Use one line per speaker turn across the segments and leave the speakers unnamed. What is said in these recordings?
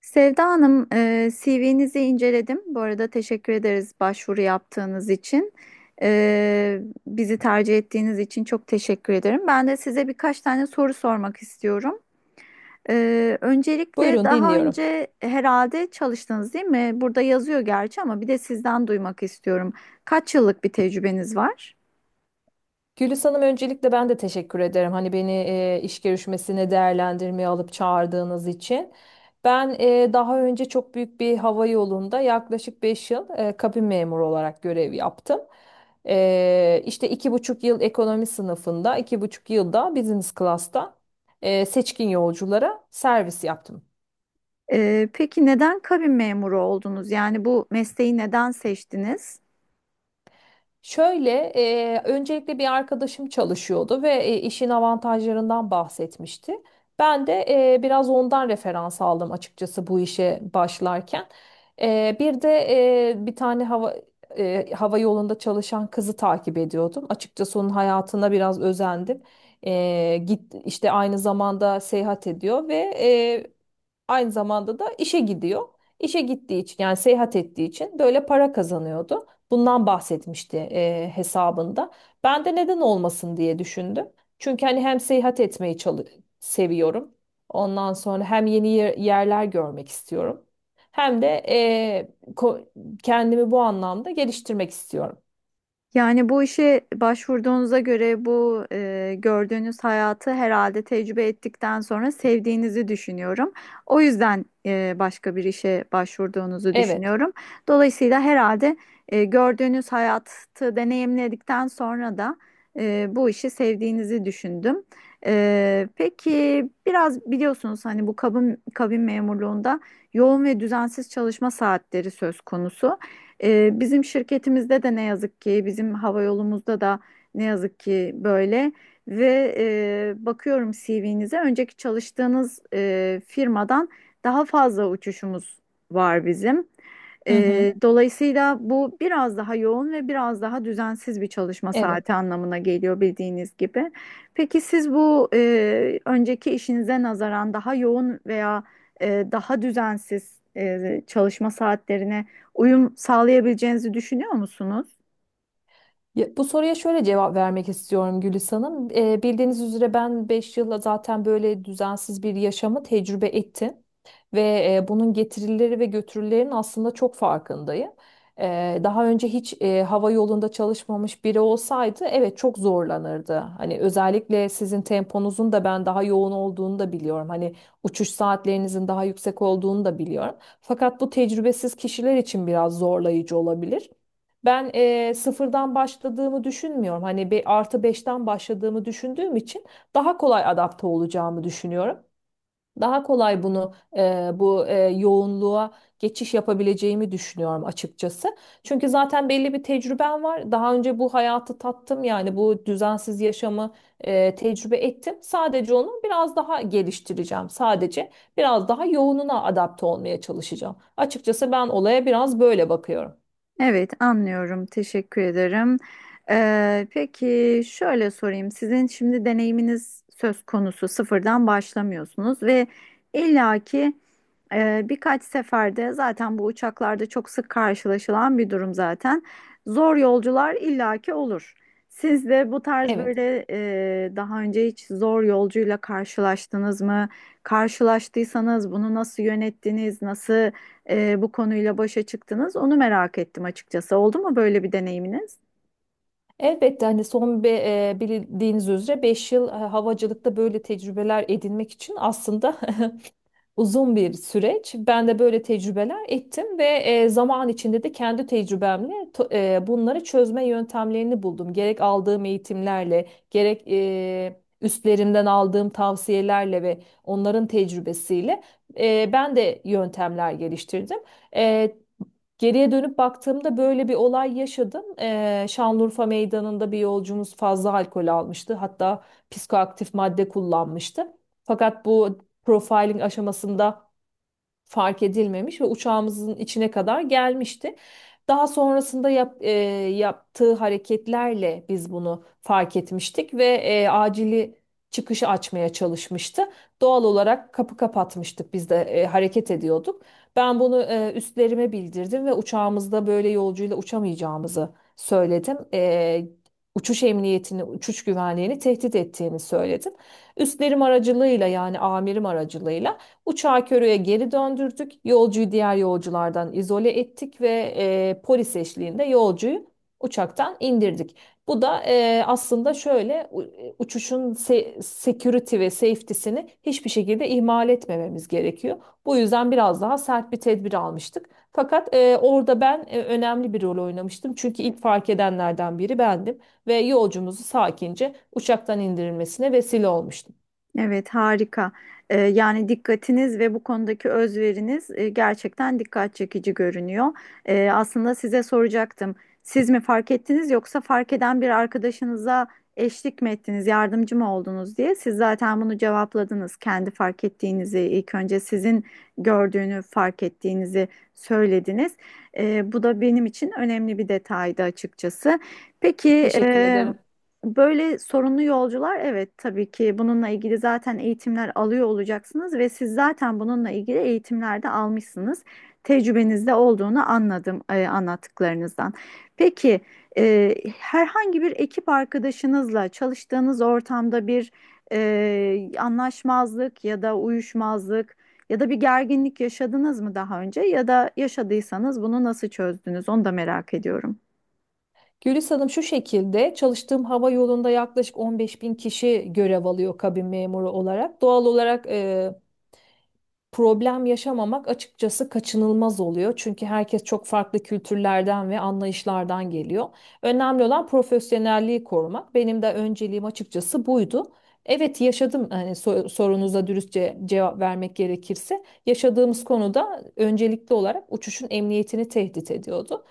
Sevda Hanım, CV'nizi inceledim. Bu arada teşekkür ederiz başvuru yaptığınız için. E, Bizi tercih ettiğiniz için çok teşekkür ederim. Ben de size birkaç tane soru sormak istiyorum. Öncelikle
Buyurun,
daha
dinliyorum.
önce herhalde çalıştınız değil mi? Burada yazıyor gerçi ama bir de sizden duymak istiyorum. Kaç yıllık bir tecrübeniz var?
Gülis Hanım, öncelikle ben de teşekkür ederim. Hani beni iş görüşmesine değerlendirmeye alıp çağırdığınız için. Ben daha önce çok büyük bir hava yolunda yaklaşık 5 yıl kabin memuru olarak görev yaptım. İşte 2,5 yıl ekonomi sınıfında, 2,5 yılda business class'ta seçkin yolculara servis yaptım.
Peki neden kabin memuru oldunuz? Yani bu mesleği neden seçtiniz?
Şöyle, öncelikle bir arkadaşım çalışıyordu ve işin avantajlarından bahsetmişti. Ben de biraz ondan referans aldım açıkçası bu işe başlarken. Bir de bir tane hava yolunda çalışan kızı takip ediyordum. Açıkçası onun hayatına biraz özendim. E, git işte aynı zamanda seyahat ediyor ve aynı zamanda da işe gidiyor. İşe gittiği için, yani seyahat ettiği için böyle para kazanıyordu. Bundan bahsetmişti hesabında. Ben de neden olmasın diye düşündüm. Çünkü hani hem seyahat etmeyi seviyorum. Ondan sonra hem yeni yerler görmek istiyorum. Hem de kendimi bu anlamda geliştirmek istiyorum.
Yani bu işe başvurduğunuza göre bu gördüğünüz hayatı herhalde tecrübe ettikten sonra sevdiğinizi düşünüyorum. O yüzden başka bir işe başvurduğunuzu
Evet.
düşünüyorum. Dolayısıyla herhalde gördüğünüz hayatı deneyimledikten sonra da bu işi sevdiğinizi düşündüm. Peki biraz biliyorsunuz hani bu kabin memurluğunda yoğun ve düzensiz çalışma saatleri söz konusu. Bizim şirketimizde de ne yazık ki, bizim hava yolumuzda da ne yazık ki böyle ve bakıyorum CV'nize önceki çalıştığınız firmadan daha fazla uçuşumuz var bizim.
Hı hı.
Dolayısıyla bu biraz daha yoğun ve biraz daha düzensiz bir çalışma
Evet.
saati anlamına geliyor bildiğiniz gibi. Peki siz bu önceki işinize nazaran daha yoğun veya daha düzensiz çalışma saatlerine uyum sağlayabileceğinizi düşünüyor musunuz?
Ya, bu soruya şöyle cevap vermek istiyorum Gülis Hanım. Bildiğiniz üzere ben 5 yılla zaten böyle düzensiz bir yaşamı tecrübe ettim. Ve bunun getirileri ve götürülerinin aslında çok farkındayım. Daha önce hiç hava yolunda çalışmamış biri olsaydı evet çok zorlanırdı. Hani özellikle sizin temponuzun da ben daha yoğun olduğunu da biliyorum. Hani uçuş saatlerinizin daha yüksek olduğunu da biliyorum. Fakat bu tecrübesiz kişiler için biraz zorlayıcı olabilir. Ben sıfırdan başladığımı düşünmüyorum. Hani bir artı beşten başladığımı düşündüğüm için daha kolay adapte olacağımı düşünüyorum. Daha kolay bunu bu yoğunluğa geçiş yapabileceğimi düşünüyorum açıkçası. Çünkü zaten belli bir tecrübem var. Daha önce bu hayatı tattım, yani bu düzensiz yaşamı tecrübe ettim. Sadece onu biraz daha geliştireceğim. Sadece biraz daha yoğununa adapte olmaya çalışacağım. Açıkçası ben olaya biraz böyle bakıyorum.
Evet, anlıyorum. Teşekkür ederim. Peki şöyle sorayım. Sizin şimdi deneyiminiz söz konusu, sıfırdan başlamıyorsunuz ve illaki birkaç seferde zaten bu uçaklarda çok sık karşılaşılan bir durum zaten. Zor yolcular illaki olur. Siz de bu tarz
Evet.
böyle daha önce hiç zor yolcuyla karşılaştınız mı? Karşılaştıysanız bunu nasıl yönettiniz? Nasıl bu konuyla başa çıktınız? Onu merak ettim açıkçası. Oldu mu böyle bir deneyiminiz?
Elbette hani bildiğiniz üzere 5 yıl havacılıkta böyle tecrübeler edinmek için aslında uzun bir süreç. Ben de böyle tecrübeler ettim ve zaman içinde de kendi tecrübemle bunları çözme yöntemlerini buldum. Gerek aldığım eğitimlerle, gerek üstlerimden aldığım tavsiyelerle ve onların tecrübesiyle ben de yöntemler geliştirdim. E, Geriye dönüp baktığımda böyle bir olay yaşadım. Şanlıurfa Meydanı'nda bir yolcumuz fazla alkol almıştı. Hatta psikoaktif madde kullanmıştı. Fakat bu profiling aşamasında fark edilmemiş ve uçağımızın içine kadar gelmişti. Daha sonrasında yaptığı hareketlerle biz bunu fark etmiştik ve acili çıkışı açmaya çalışmıştı. Doğal olarak kapı kapatmıştık, biz de hareket ediyorduk. Ben bunu üstlerime bildirdim ve uçağımızda böyle yolcuyla uçamayacağımızı söyledim. Uçuş emniyetini, uçuş güvenliğini tehdit ettiğini söyledim. Üstlerim aracılığıyla, yani amirim aracılığıyla uçağı Körü'ye geri döndürdük. Yolcuyu diğer yolculardan izole ettik ve polis eşliğinde yolcuyu uçaktan indirdik. Bu da aslında şöyle uçuşun security ve safety'sini hiçbir şekilde ihmal etmememiz gerekiyor. Bu yüzden biraz daha sert bir tedbir almıştık. Fakat orada ben önemli bir rol oynamıştım. Çünkü ilk fark edenlerden biri bendim ve yolcumuzu sakince uçaktan indirilmesine vesile olmuştum.
Evet, harika. Yani dikkatiniz ve bu konudaki özveriniz gerçekten dikkat çekici görünüyor. Aslında size soracaktım. Siz mi fark ettiniz yoksa fark eden bir arkadaşınıza eşlik mi ettiniz, yardımcı mı oldunuz diye. Siz zaten bunu cevapladınız. Kendi fark ettiğinizi, ilk önce sizin gördüğünü fark ettiğinizi söylediniz. Bu da benim için önemli bir detaydı açıkçası. Peki,
Teşekkür ederim.
böyle sorunlu yolcular, evet, tabii ki bununla ilgili zaten eğitimler alıyor olacaksınız ve siz zaten bununla ilgili eğitimler de almışsınız. Tecrübenizde olduğunu anladım anlattıklarınızdan. Peki herhangi bir ekip arkadaşınızla çalıştığınız ortamda bir anlaşmazlık ya da uyuşmazlık ya da bir gerginlik yaşadınız mı daha önce, ya da yaşadıysanız bunu nasıl çözdünüz, onu da merak ediyorum.
Gülis Hanım, şu şekilde çalıştığım hava yolunda yaklaşık 15 bin kişi görev alıyor kabin memuru olarak. Doğal olarak problem yaşamamak açıkçası kaçınılmaz oluyor. Çünkü herkes çok farklı kültürlerden ve anlayışlardan geliyor. Önemli olan profesyonelliği korumak. Benim de önceliğim açıkçası buydu. Evet, yaşadım. Hani sorunuza dürüstçe cevap vermek gerekirse, yaşadığımız konuda öncelikli olarak uçuşun emniyetini tehdit ediyordu.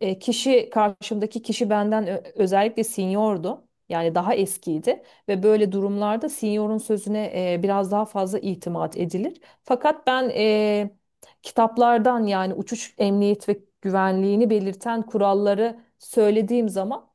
E, kişi Karşımdaki kişi benden özellikle seniordu. Yani daha eskiydi ve böyle durumlarda seniorun sözüne biraz daha fazla itimat edilir. Fakat ben kitaplardan, yani uçuş emniyet ve güvenliğini belirten kuralları söylediğim zaman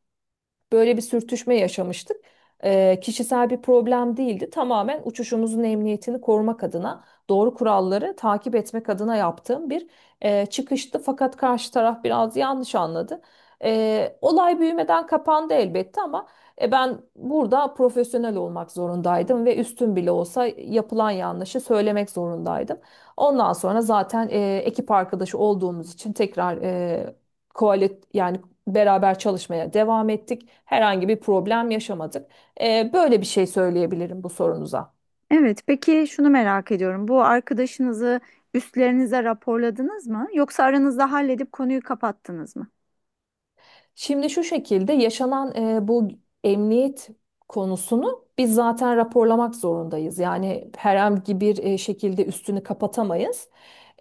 böyle bir sürtüşme yaşamıştık. Kişisel bir problem değildi. Tamamen uçuşumuzun emniyetini korumak adına, doğru kuralları takip etmek adına yaptığım bir çıkıştı. Fakat karşı taraf biraz yanlış anladı. Olay büyümeden kapandı elbette, ama ben burada profesyonel olmak zorundaydım ve üstün bile olsa yapılan yanlışı söylemek zorundaydım. Ondan sonra zaten ekip arkadaşı olduğumuz için tekrar e, koalit yani beraber çalışmaya devam ettik. Herhangi bir problem yaşamadık. Böyle bir şey söyleyebilirim bu sorunuza.
Evet, peki şunu merak ediyorum. Bu arkadaşınızı üstlerinize raporladınız mı? Yoksa aranızda halledip konuyu kapattınız mı?
Şimdi şu şekilde, yaşanan bu emniyet konusunu biz zaten raporlamak zorundayız. Yani herhangi bir şekilde üstünü kapatamayız.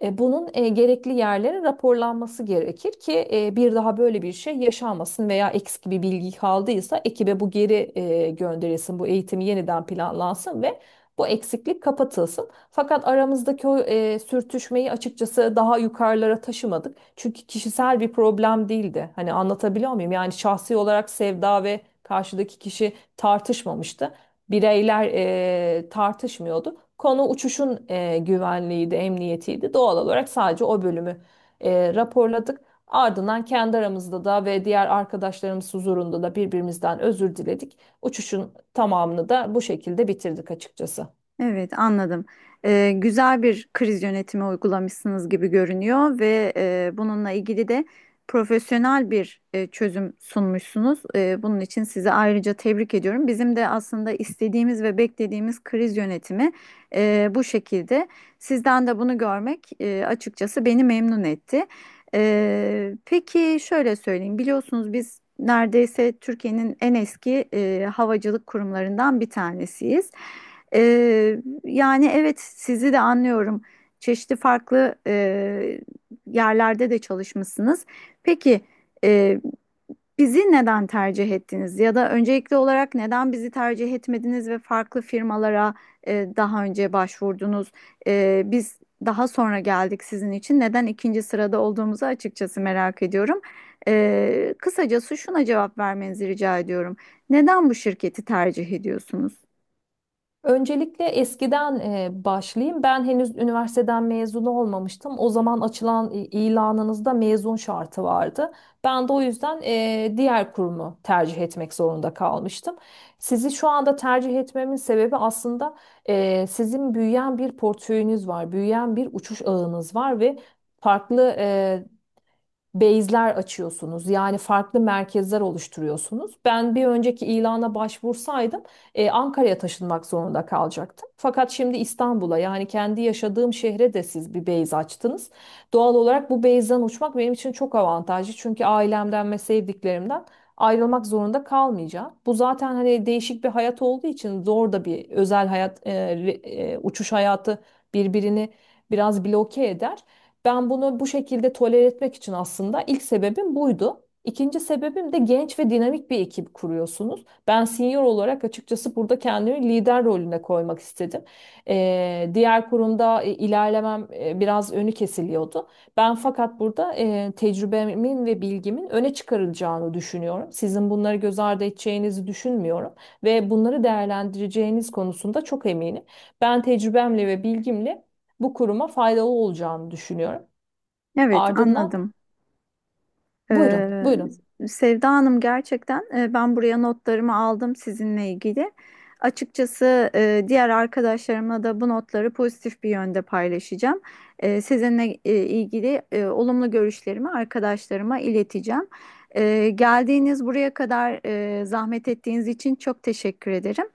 Bunun gerekli yerlere raporlanması gerekir ki bir daha böyle bir şey yaşanmasın veya eksik bir bilgi kaldıysa ekibe bu geri gönderilsin, bu eğitimi yeniden planlansın ve bu eksiklik kapatılsın. Fakat aramızdaki o sürtüşmeyi açıkçası daha yukarılara taşımadık. Çünkü kişisel bir problem değildi. Hani anlatabiliyor muyum? Yani şahsi olarak Sevda ve karşıdaki kişi tartışmamıştı, bireyler tartışmıyordu. Konu uçuşun güvenliğiydi, emniyetiydi. Doğal olarak sadece o bölümü raporladık. Ardından kendi aramızda da ve diğer arkadaşlarımız huzurunda da birbirimizden özür diledik. Uçuşun tamamını da bu şekilde bitirdik açıkçası.
Evet, anladım. Güzel bir kriz yönetimi uygulamışsınız gibi görünüyor ve bununla ilgili de profesyonel bir çözüm sunmuşsunuz. Bunun için sizi ayrıca tebrik ediyorum. Bizim de aslında istediğimiz ve beklediğimiz kriz yönetimi bu şekilde. Sizden de bunu görmek açıkçası beni memnun etti. Peki şöyle söyleyeyim, biliyorsunuz biz neredeyse Türkiye'nin en eski havacılık kurumlarından bir tanesiyiz. Yani evet, sizi de anlıyorum. Çeşitli farklı yerlerde de çalışmışsınız. Peki e, bizi neden tercih ettiniz? Ya da öncelikli olarak neden bizi tercih etmediniz ve farklı firmalara daha önce başvurdunuz? Biz daha sonra geldik sizin için. Neden ikinci sırada olduğumuzu açıkçası merak ediyorum. Kısacası şuna cevap vermenizi rica ediyorum. Neden bu şirketi tercih ediyorsunuz?
Öncelikle eskiden başlayayım. Ben henüz üniversiteden mezun olmamıştım. O zaman açılan ilanınızda mezun şartı vardı. Ben de o yüzden diğer kurumu tercih etmek zorunda kalmıştım. Sizi şu anda tercih etmemin sebebi aslında sizin büyüyen bir portföyünüz var, büyüyen bir uçuş ağınız var ve farklı base'ler açıyorsunuz. Yani farklı merkezler oluşturuyorsunuz. Ben bir önceki ilana başvursaydım Ankara'ya taşınmak zorunda kalacaktım. Fakat şimdi İstanbul'a, yani kendi yaşadığım şehre de siz bir base açtınız. Doğal olarak bu base'den uçmak benim için çok avantajlı. Çünkü ailemden ve sevdiklerimden ayrılmak zorunda kalmayacağım. Bu zaten hani değişik bir hayat olduğu için zor da. Bir özel hayat, uçuş hayatı birbirini biraz bloke eder. Ben bunu bu şekilde tolere etmek için, aslında ilk sebebim buydu. İkinci sebebim de genç ve dinamik bir ekip kuruyorsunuz. Ben senior olarak açıkçası burada kendimi lider rolüne koymak istedim. Diğer kurumda ilerlemem biraz önü kesiliyordu. Ben fakat burada tecrübemin ve bilgimin öne çıkarılacağını düşünüyorum. Sizin bunları göz ardı edeceğinizi düşünmüyorum ve bunları değerlendireceğiniz konusunda çok eminim. Ben tecrübemle ve bilgimle bu kuruma faydalı olacağını düşünüyorum.
Evet,
Ardından,
anladım.
buyurun,
Ee,
buyurun.
Sevda Hanım, gerçekten ben buraya notlarımı aldım sizinle ilgili. Açıkçası diğer arkadaşlarımla da bu notları pozitif bir yönde paylaşacağım. Sizinle ilgili olumlu görüşlerimi arkadaşlarıma ileteceğim. Geldiğiniz buraya kadar zahmet ettiğiniz için çok teşekkür ederim.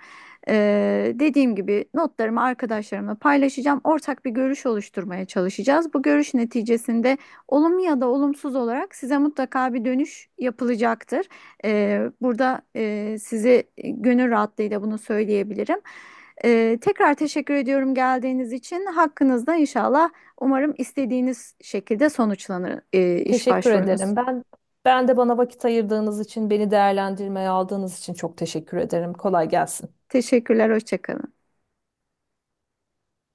Dediğim gibi notlarımı arkadaşlarımla paylaşacağım. Ortak bir görüş oluşturmaya çalışacağız. Bu görüş neticesinde olumlu ya da olumsuz olarak size mutlaka bir dönüş yapılacaktır. Burada size gönül rahatlığıyla bunu söyleyebilirim. Tekrar teşekkür ediyorum geldiğiniz için. Hakkınızda inşallah umarım istediğiniz şekilde sonuçlanır iş
Teşekkür
başvurunuz.
ederim. Ben de bana vakit ayırdığınız için, beni değerlendirmeye aldığınız için çok teşekkür ederim. Kolay gelsin.
Teşekkürler, hoşça kalın.